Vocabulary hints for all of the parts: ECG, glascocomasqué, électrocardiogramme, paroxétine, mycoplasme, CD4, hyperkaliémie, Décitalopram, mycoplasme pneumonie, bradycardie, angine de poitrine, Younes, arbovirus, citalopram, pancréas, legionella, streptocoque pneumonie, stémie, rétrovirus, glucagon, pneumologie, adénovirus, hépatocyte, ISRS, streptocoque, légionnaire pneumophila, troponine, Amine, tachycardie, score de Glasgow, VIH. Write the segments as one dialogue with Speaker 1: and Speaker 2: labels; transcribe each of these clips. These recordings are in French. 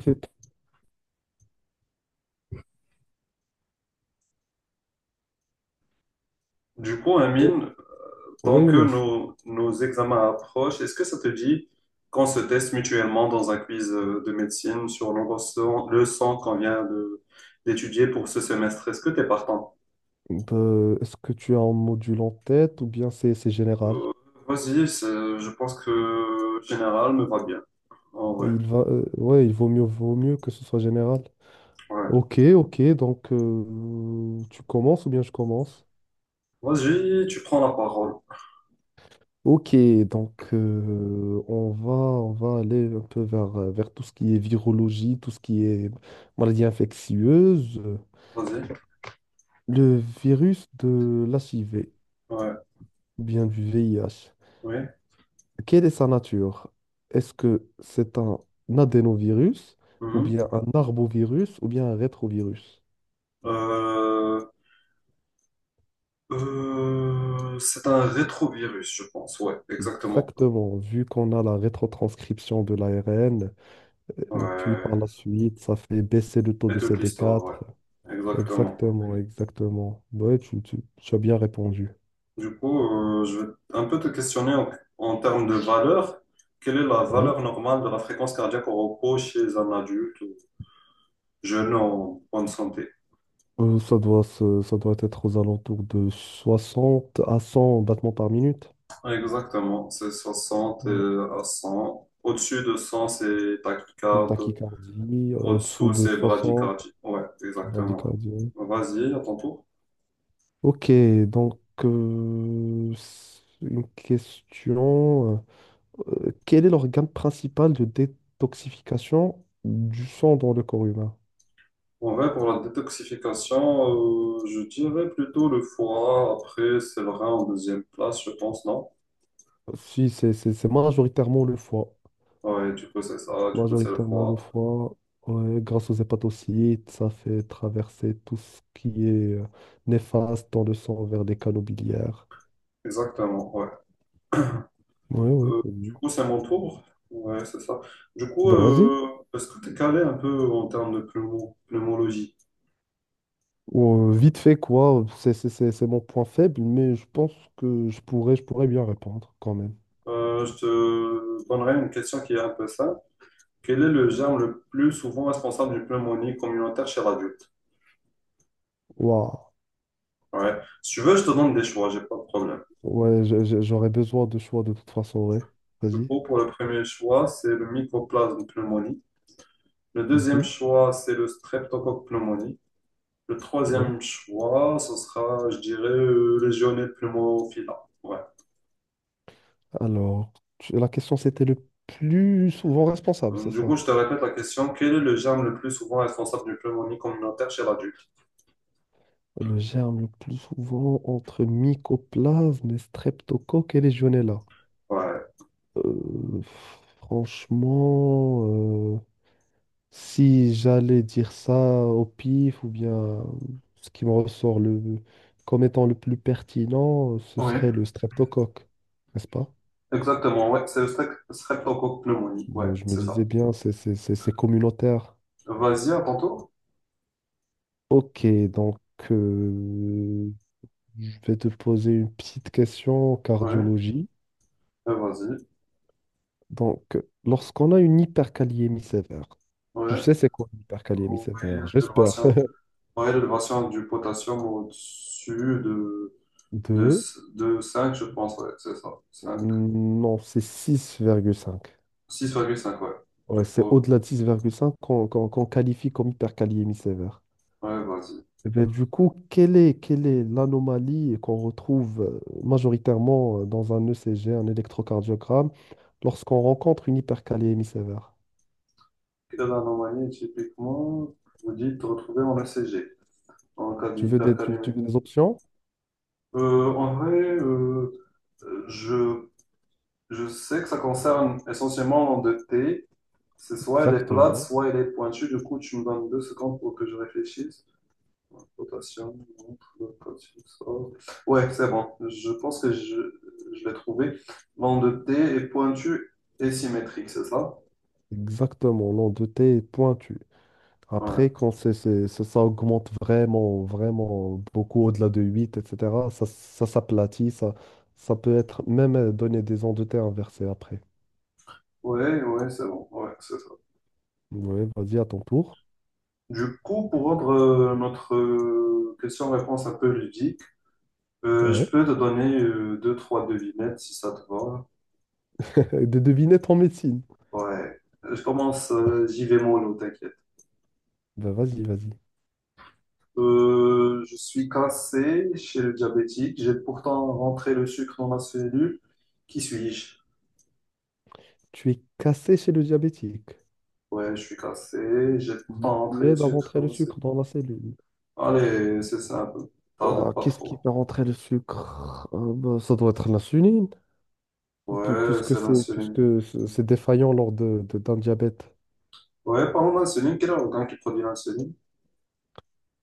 Speaker 1: Ok.
Speaker 2: Du coup,
Speaker 1: Ouais,
Speaker 2: Amine,
Speaker 1: ouais,
Speaker 2: tant que
Speaker 1: Younes.
Speaker 2: nos examens approchent, est-ce que ça te dit qu'on se teste mutuellement dans un quiz de médecine sur nos leçons, d'étudier pour ce semestre? Est-ce que tu es partant?
Speaker 1: Ben, est-ce que tu as un module en tête ou bien c'est général?
Speaker 2: Euh, Vas-y, je pense que général me va bien. En vrai,
Speaker 1: Ouais, il vaut mieux que ce soit général.
Speaker 2: ouais.
Speaker 1: Ok, ok, donc tu commences ou bien je commence?
Speaker 2: Vas-y, tu prends la parole.
Speaker 1: Ok, donc on va aller un peu vers tout ce qui est virologie, tout ce qui est maladie infectieuse,
Speaker 2: Vas-y.
Speaker 1: le virus de l'HIV,
Speaker 2: Ouais,
Speaker 1: ou bien du VIH.
Speaker 2: oui.
Speaker 1: Quelle est sa nature? Est-ce que c'est un adénovirus ou
Speaker 2: Mhm.
Speaker 1: bien un arbovirus ou bien un rétrovirus?
Speaker 2: Euh, c'est un rétrovirus, je pense. Ouais, exactement.
Speaker 1: Exactement, vu qu'on a la rétrotranscription de l'ARN, puis
Speaker 2: Ouais.
Speaker 1: par la suite, ça fait baisser le taux
Speaker 2: Et
Speaker 1: de
Speaker 2: toute l'histoire, ouais.
Speaker 1: CD4.
Speaker 2: Exactement.
Speaker 1: Exactement, exactement. Ouais, tu as bien répondu.
Speaker 2: Du coup, je vais un peu te questionner en termes de valeur. Quelle est la valeur
Speaker 1: Ouais.
Speaker 2: normale de la fréquence cardiaque au repos chez un adulte jeune en bonne santé?
Speaker 1: Ça ça doit être aux alentours de 60 à 100 battements par minute.
Speaker 2: Exactement, c'est 60
Speaker 1: Ouais.
Speaker 2: à 100. Au-dessus de 100, c'est
Speaker 1: Une
Speaker 2: tachycardie.
Speaker 1: tachycardie, au-dessous
Speaker 2: Au-dessous,
Speaker 1: de
Speaker 2: c'est
Speaker 1: 60,
Speaker 2: bradycardie. Ouais,
Speaker 1: une
Speaker 2: exactement.
Speaker 1: bradycardie.
Speaker 2: Vas-y, à ton tour.
Speaker 1: Ok, donc une question. Quel est l'organe principal de détoxification du sang dans le corps humain?
Speaker 2: En vrai, pour la détoxification, je dirais plutôt le foie. Après, c'est le rein en deuxième place, je pense, non?
Speaker 1: Si, c'est majoritairement le foie.
Speaker 2: Ouais, du coup, c'est ça, du coup, c'est le
Speaker 1: Majoritairement le
Speaker 2: foie.
Speaker 1: foie, ouais, grâce aux hépatocytes, ça fait traverser tout ce qui est néfaste dans le sang vers les canaux biliaires.
Speaker 2: Exactement, ouais.
Speaker 1: Ouais, ouais, c'est
Speaker 2: Du
Speaker 1: bien.
Speaker 2: coup, c'est mon tour. Ouais, c'est ça. Du coup,
Speaker 1: Bah, vas-y.
Speaker 2: est-ce que tu es calé un peu en termes de pneumologie?
Speaker 1: Vite fait, quoi, c'est mon point faible, mais je pense que je pourrais bien répondre quand même.
Speaker 2: Je te donnerai une question qui est un peu simple. Quel est le germe le plus souvent responsable d'une pneumonie communautaire chez l'adulte?
Speaker 1: Waouh.
Speaker 2: Ouais. Si tu veux, je te donne des choix, j'ai pas de problème.
Speaker 1: Ouais, j'aurais besoin de choix de toute façon, ouais.
Speaker 2: Du
Speaker 1: Vas-y.
Speaker 2: coup, pour le premier choix, c'est le mycoplasme pneumonie. Le deuxième
Speaker 1: Mhm.
Speaker 2: choix, c'est le streptocoque pneumonie. Le
Speaker 1: Ouais.
Speaker 2: troisième choix, ce sera, je dirais, légionnaire pneumophila. Ouais.
Speaker 1: Alors, la question c'était le plus souvent responsable, c'est
Speaker 2: Donc, du
Speaker 1: ça?
Speaker 2: coup, je te répète la question. Quel est le germe le plus souvent responsable d'une pneumonie communautaire chez l'adulte?
Speaker 1: Le germe le plus souvent entre mycoplasme, et streptocoque et legionella.
Speaker 2: Ouais.
Speaker 1: Euh, Franchement, euh, si j'allais dire ça au pif ou bien ce qui me ressort le, comme étant le plus pertinent, ce
Speaker 2: Oui.
Speaker 1: serait le streptocoque, n'est-ce pas?
Speaker 2: Exactement, ouais. C'est le streptocoque pneumonie. Ouais,
Speaker 1: Mais je me
Speaker 2: c'est ça.
Speaker 1: disais bien, c'est communautaire.
Speaker 2: Vas-y, à ton tour.
Speaker 1: Ok, donc euh, je vais te poser une petite question en
Speaker 2: Ouais.
Speaker 1: cardiologie.
Speaker 2: Vas-y.
Speaker 1: Donc, lorsqu'on a une hyperkaliémie sévère, je
Speaker 2: Ouais.
Speaker 1: sais c'est quoi une hyperkaliémie
Speaker 2: Oh, oui,
Speaker 1: sévère, j'espère.
Speaker 2: l'élévation. Ouais, l'élévation du potassium au-dessus de, de,
Speaker 1: Deux,
Speaker 2: de 5 je pense. Ouais, c'est ça. 5,
Speaker 1: non, c'est 6,5.
Speaker 2: 6,5, ouais. Tu
Speaker 1: Ouais,
Speaker 2: peux...
Speaker 1: c'est au-delà de 6,5 qu'on qualifie comme hyperkaliémie sévère.
Speaker 2: Ouais, vas-y.
Speaker 1: Eh ben, du coup, quelle est l'anomalie qu'on retrouve majoritairement dans un ECG, un électrocardiogramme, lorsqu'on rencontre une hyperkaliémie sévère?
Speaker 2: Dans l'anomanie, typiquement, vous dites retrouver en ECG, en cas
Speaker 1: Tu
Speaker 2: d'hypercalémie.
Speaker 1: veux des options?
Speaker 2: Euh, en vrai, euh, euh, je, je sais que ça concerne essentiellement l'endetté. C'est soit elle est plate,
Speaker 1: Exactement.
Speaker 2: soit elle est pointue. Du coup, tu me donnes 2 secondes pour que je réfléchisse. Rotation, montre, rotation, sort. Ouais, c'est bon. Je pense que Je l'ai trouvé. L'endetté est pointue et symétrique, c'est ça?
Speaker 1: Exactement. L'endetté est pointu.
Speaker 2: Ouais,
Speaker 1: Après, quand ça ça augmente vraiment, vraiment beaucoup au-delà de 8, etc., ça s'aplatit. Ça peut être même donner des ondes de T inversées après.
Speaker 2: ouais, c'est bon. Ouais, c'est...
Speaker 1: Ouais, vas-y, à ton tour.
Speaker 2: Du coup, pour rendre notre question-réponse un peu ludique,
Speaker 1: Ouais.
Speaker 2: je peux te donner 2, 3 devinettes si ça te va.
Speaker 1: De deviner ton médecine.
Speaker 2: Ouais. Je commence, j'y vais mollo, t'inquiète.
Speaker 1: Ben, vas-y, vas-y.
Speaker 2: Je suis cassé chez le diabétique. J'ai pourtant rentré le sucre dans ma cellule. Qui suis-je?
Speaker 1: Tu es cassé chez le diabétique.
Speaker 2: Ouais, je suis cassé. J'ai
Speaker 1: Mais
Speaker 2: pourtant rentré
Speaker 1: tu
Speaker 2: le
Speaker 1: aides à
Speaker 2: sucre
Speaker 1: rentrer
Speaker 2: dans
Speaker 1: le
Speaker 2: ma
Speaker 1: sucre
Speaker 2: cellule.
Speaker 1: dans la cellule.
Speaker 2: Allez, c'est simple. Tarde
Speaker 1: Ouah,
Speaker 2: pas
Speaker 1: qu'est-ce qui
Speaker 2: trop.
Speaker 1: fait rentrer le sucre? Bah, ça doit être l'insuline,
Speaker 2: Ouais,
Speaker 1: puisque
Speaker 2: c'est l'insuline.
Speaker 1: c'est défaillant lors d'un diabète.
Speaker 2: Ouais, parlons d'insuline. Quel est l'organe qui produit l'insuline?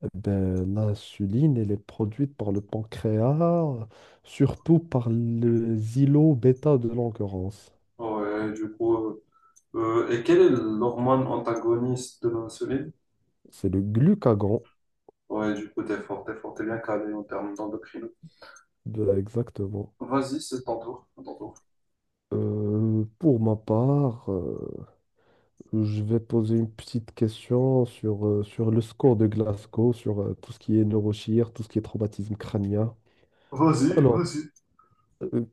Speaker 1: Eh ben, l'insuline, elle est produite par le pancréas, surtout par les îlots bêta de l'endurance.
Speaker 2: Ouais, du coup. Et quelle est l'hormone antagoniste de l'insuline?
Speaker 1: C'est le glucagon,
Speaker 2: Ouais, du coup, t'es fort, t'es fort, t'es bien calé en termes d'endocrino.
Speaker 1: exactement.
Speaker 2: Vas-y, c'est ton tour, à ton tour.
Speaker 1: Pour ma part, je vais poser une petite question sur, sur le score de Glasgow, sur tout ce qui est neurochir, tout ce qui est traumatisme crânien.
Speaker 2: Vas-y,
Speaker 1: Alors,
Speaker 2: vas-y.
Speaker 1: euh,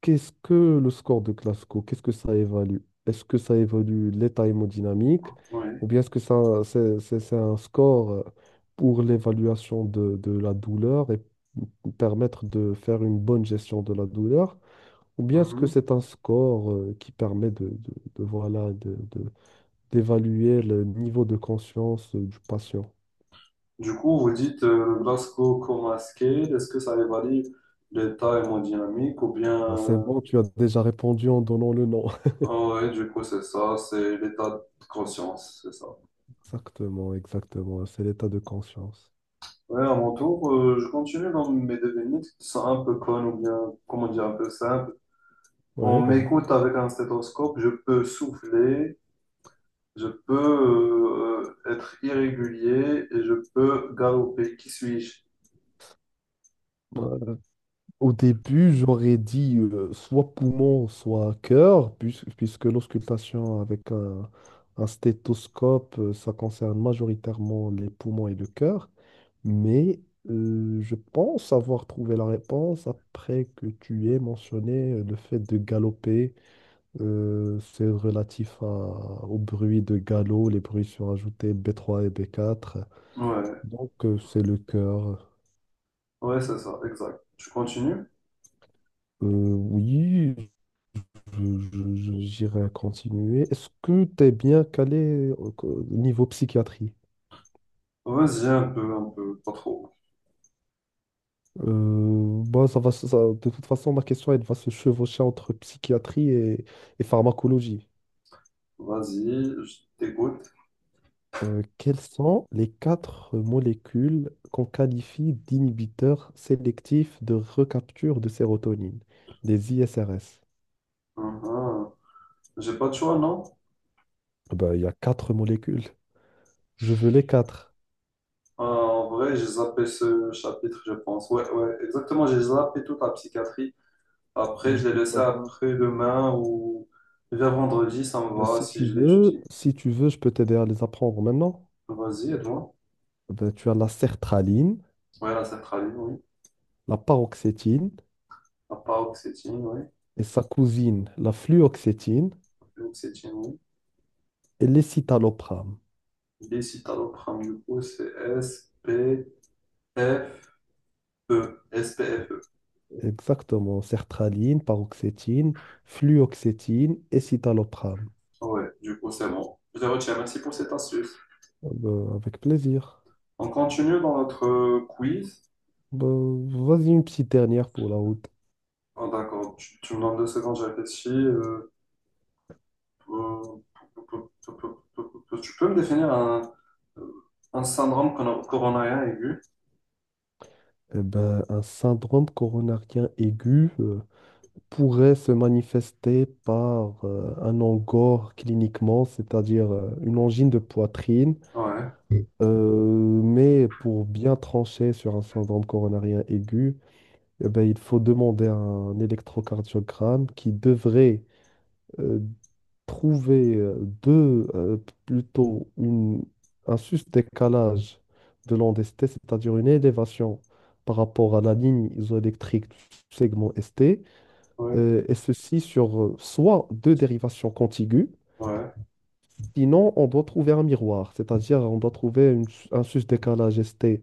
Speaker 1: qu'est-ce que le score de Glasgow? Qu'est-ce que ça évalue? Est-ce que ça évalue l'état hémodynamique
Speaker 2: Oui.
Speaker 1: ou bien est-ce que c'est un score pour l'évaluation de la douleur et permettre de faire une bonne gestion de la douleur? Ou bien est-ce que
Speaker 2: Mhm.
Speaker 1: c'est un score qui permet de, voilà, d'évaluer le niveau de conscience du patient.
Speaker 2: Du coup, vous dites le glascocomasqué, est-ce que ça évalue l'état hémodynamique ou bien...
Speaker 1: Ah, c'est
Speaker 2: euh,
Speaker 1: bon, tu as déjà répondu en donnant le nom.
Speaker 2: ah ouais, du coup, c'est ça, c'est l'état de conscience, c'est ça.
Speaker 1: Exactement, exactement. C'est l'état de conscience.
Speaker 2: Ouais, à mon tour, je continue dans mes devinettes qui sont un peu connes ou bien, comment dire, un peu simples. On
Speaker 1: Ouais, vas-y.
Speaker 2: m'écoute avec un stéthoscope, je peux souffler, je peux être irrégulier et je peux galoper. Qui suis-je?
Speaker 1: Voilà. Au début, j'aurais dit soit poumon, soit cœur, puisque l'auscultation avec un stéthoscope, ça concerne majoritairement les poumons et le cœur. Mais je pense avoir trouvé la réponse après que tu aies mentionné le fait de galoper. C'est relatif au bruit de galop. Les bruits sont ajoutés B3 et B4.
Speaker 2: Ouais,
Speaker 1: Donc, c'est le cœur.
Speaker 2: ouais, c'est ça, exact. Tu continues?
Speaker 1: Oui, j'irai continuer. Est-ce que tu es bien calé au niveau psychiatrie?
Speaker 2: Vas-y, un peu, pas trop.
Speaker 1: Bah, ça va, de toute façon, ma question, elle va se chevaucher entre psychiatrie et pharmacologie.
Speaker 2: Vas-y, je t'écoute.
Speaker 1: Quelles sont les quatre molécules qu'on qualifie d'inhibiteurs sélectifs de recapture de sérotonine, les ISRS?
Speaker 2: Uhum. J'ai pas de choix, non?
Speaker 1: Ben, il y a quatre molécules. Je veux les quatre.
Speaker 2: Ah, en vrai, j'ai zappé ce chapitre, je pense. Ouais, ouais, exactement, j'ai zappé toute la psychiatrie. Après,
Speaker 1: Ben,
Speaker 2: je l'ai
Speaker 1: c'est
Speaker 2: laissé
Speaker 1: pas grave.
Speaker 2: après-demain ou vers vendredi, ça me
Speaker 1: Ben,
Speaker 2: va si je l'étudie.
Speaker 1: si tu veux, je peux t'aider à les apprendre maintenant.
Speaker 2: Vas-y, aide-moi.
Speaker 1: Eh ben, tu as la sertraline,
Speaker 2: Ouais, la sertraline, oui.
Speaker 1: la paroxétine
Speaker 2: La paroxétine, oui.
Speaker 1: et sa cousine, la fluoxétine
Speaker 2: L'oxétine,
Speaker 1: et l'escitalopram.
Speaker 2: décitalopram, du coup, c'est S-P-F-E. S-P-F-E.
Speaker 1: Exactement, sertraline, paroxétine, fluoxétine et citalopram.
Speaker 2: Ah ouais, du coup, c'est bon. Je les retiens. Merci pour cette astuce.
Speaker 1: Ah ben, avec plaisir.
Speaker 2: On continue dans notre quiz.
Speaker 1: Ben, vas-y, une petite dernière pour la route.
Speaker 2: Ah, d'accord. Tu me donnes deux secondes, je réfléchis. Euh, tu peux me définir un syndrome coronarien aigu?
Speaker 1: Eh ben, un syndrome coronarien aigu pourrait se manifester par un angor cliniquement, c'est-à-dire une angine de poitrine.
Speaker 2: Ouais,
Speaker 1: Mais pour bien trancher sur un syndrome coronarien aigu, eh ben, il faut demander un électrocardiogramme qui devrait euh, trouver deux, euh, plutôt une, un juste décalage de l'onde ST, c'est-à-dire une élévation par rapport à la ligne isoélectrique du segment ST,
Speaker 2: ouais,
Speaker 1: et ceci sur soit deux dérivations contiguës,
Speaker 2: ouais,
Speaker 1: sinon on doit trouver un miroir, c'est-à-dire on doit trouver un juste décalage ST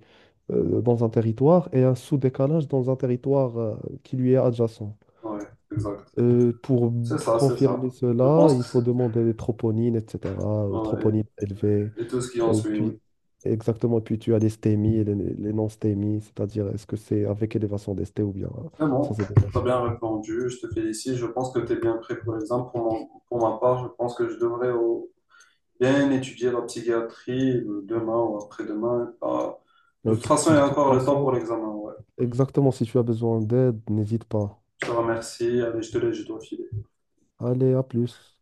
Speaker 1: dans un territoire et un sous-décalage dans un territoire qui lui est adjacent.
Speaker 2: ouais, exact.
Speaker 1: Pour
Speaker 2: C'est ça, c'est ça.
Speaker 1: confirmer
Speaker 2: Je
Speaker 1: cela,
Speaker 2: pense
Speaker 1: il faut demander des troponines, etc.
Speaker 2: que... ouais.
Speaker 1: Troponines élevées.
Speaker 2: Et tout ce qui en
Speaker 1: euh,
Speaker 2: suit,
Speaker 1: puis,
Speaker 2: oui.
Speaker 1: Exactement, puis tu as les stémies et les non-stémies, c'est-à-dire est-ce que c'est avec élévation des stés ou bien
Speaker 2: Mais bon,
Speaker 1: sans
Speaker 2: t'as bien
Speaker 1: élévation.
Speaker 2: répondu, je te félicite. Je pense que t'es bien prêt pour l'examen. Pour, pour ma part, je pense que je devrais bien étudier la psychiatrie demain ou après-demain. Ah, de toute façon, il y
Speaker 1: De
Speaker 2: a
Speaker 1: toute
Speaker 2: encore le temps pour
Speaker 1: façon,
Speaker 2: l'examen. Ouais.
Speaker 1: exactement, si tu as besoin d'aide, n'hésite pas.
Speaker 2: Je te remercie. Allez, je te laisse, je dois filer.
Speaker 1: Allez, à plus.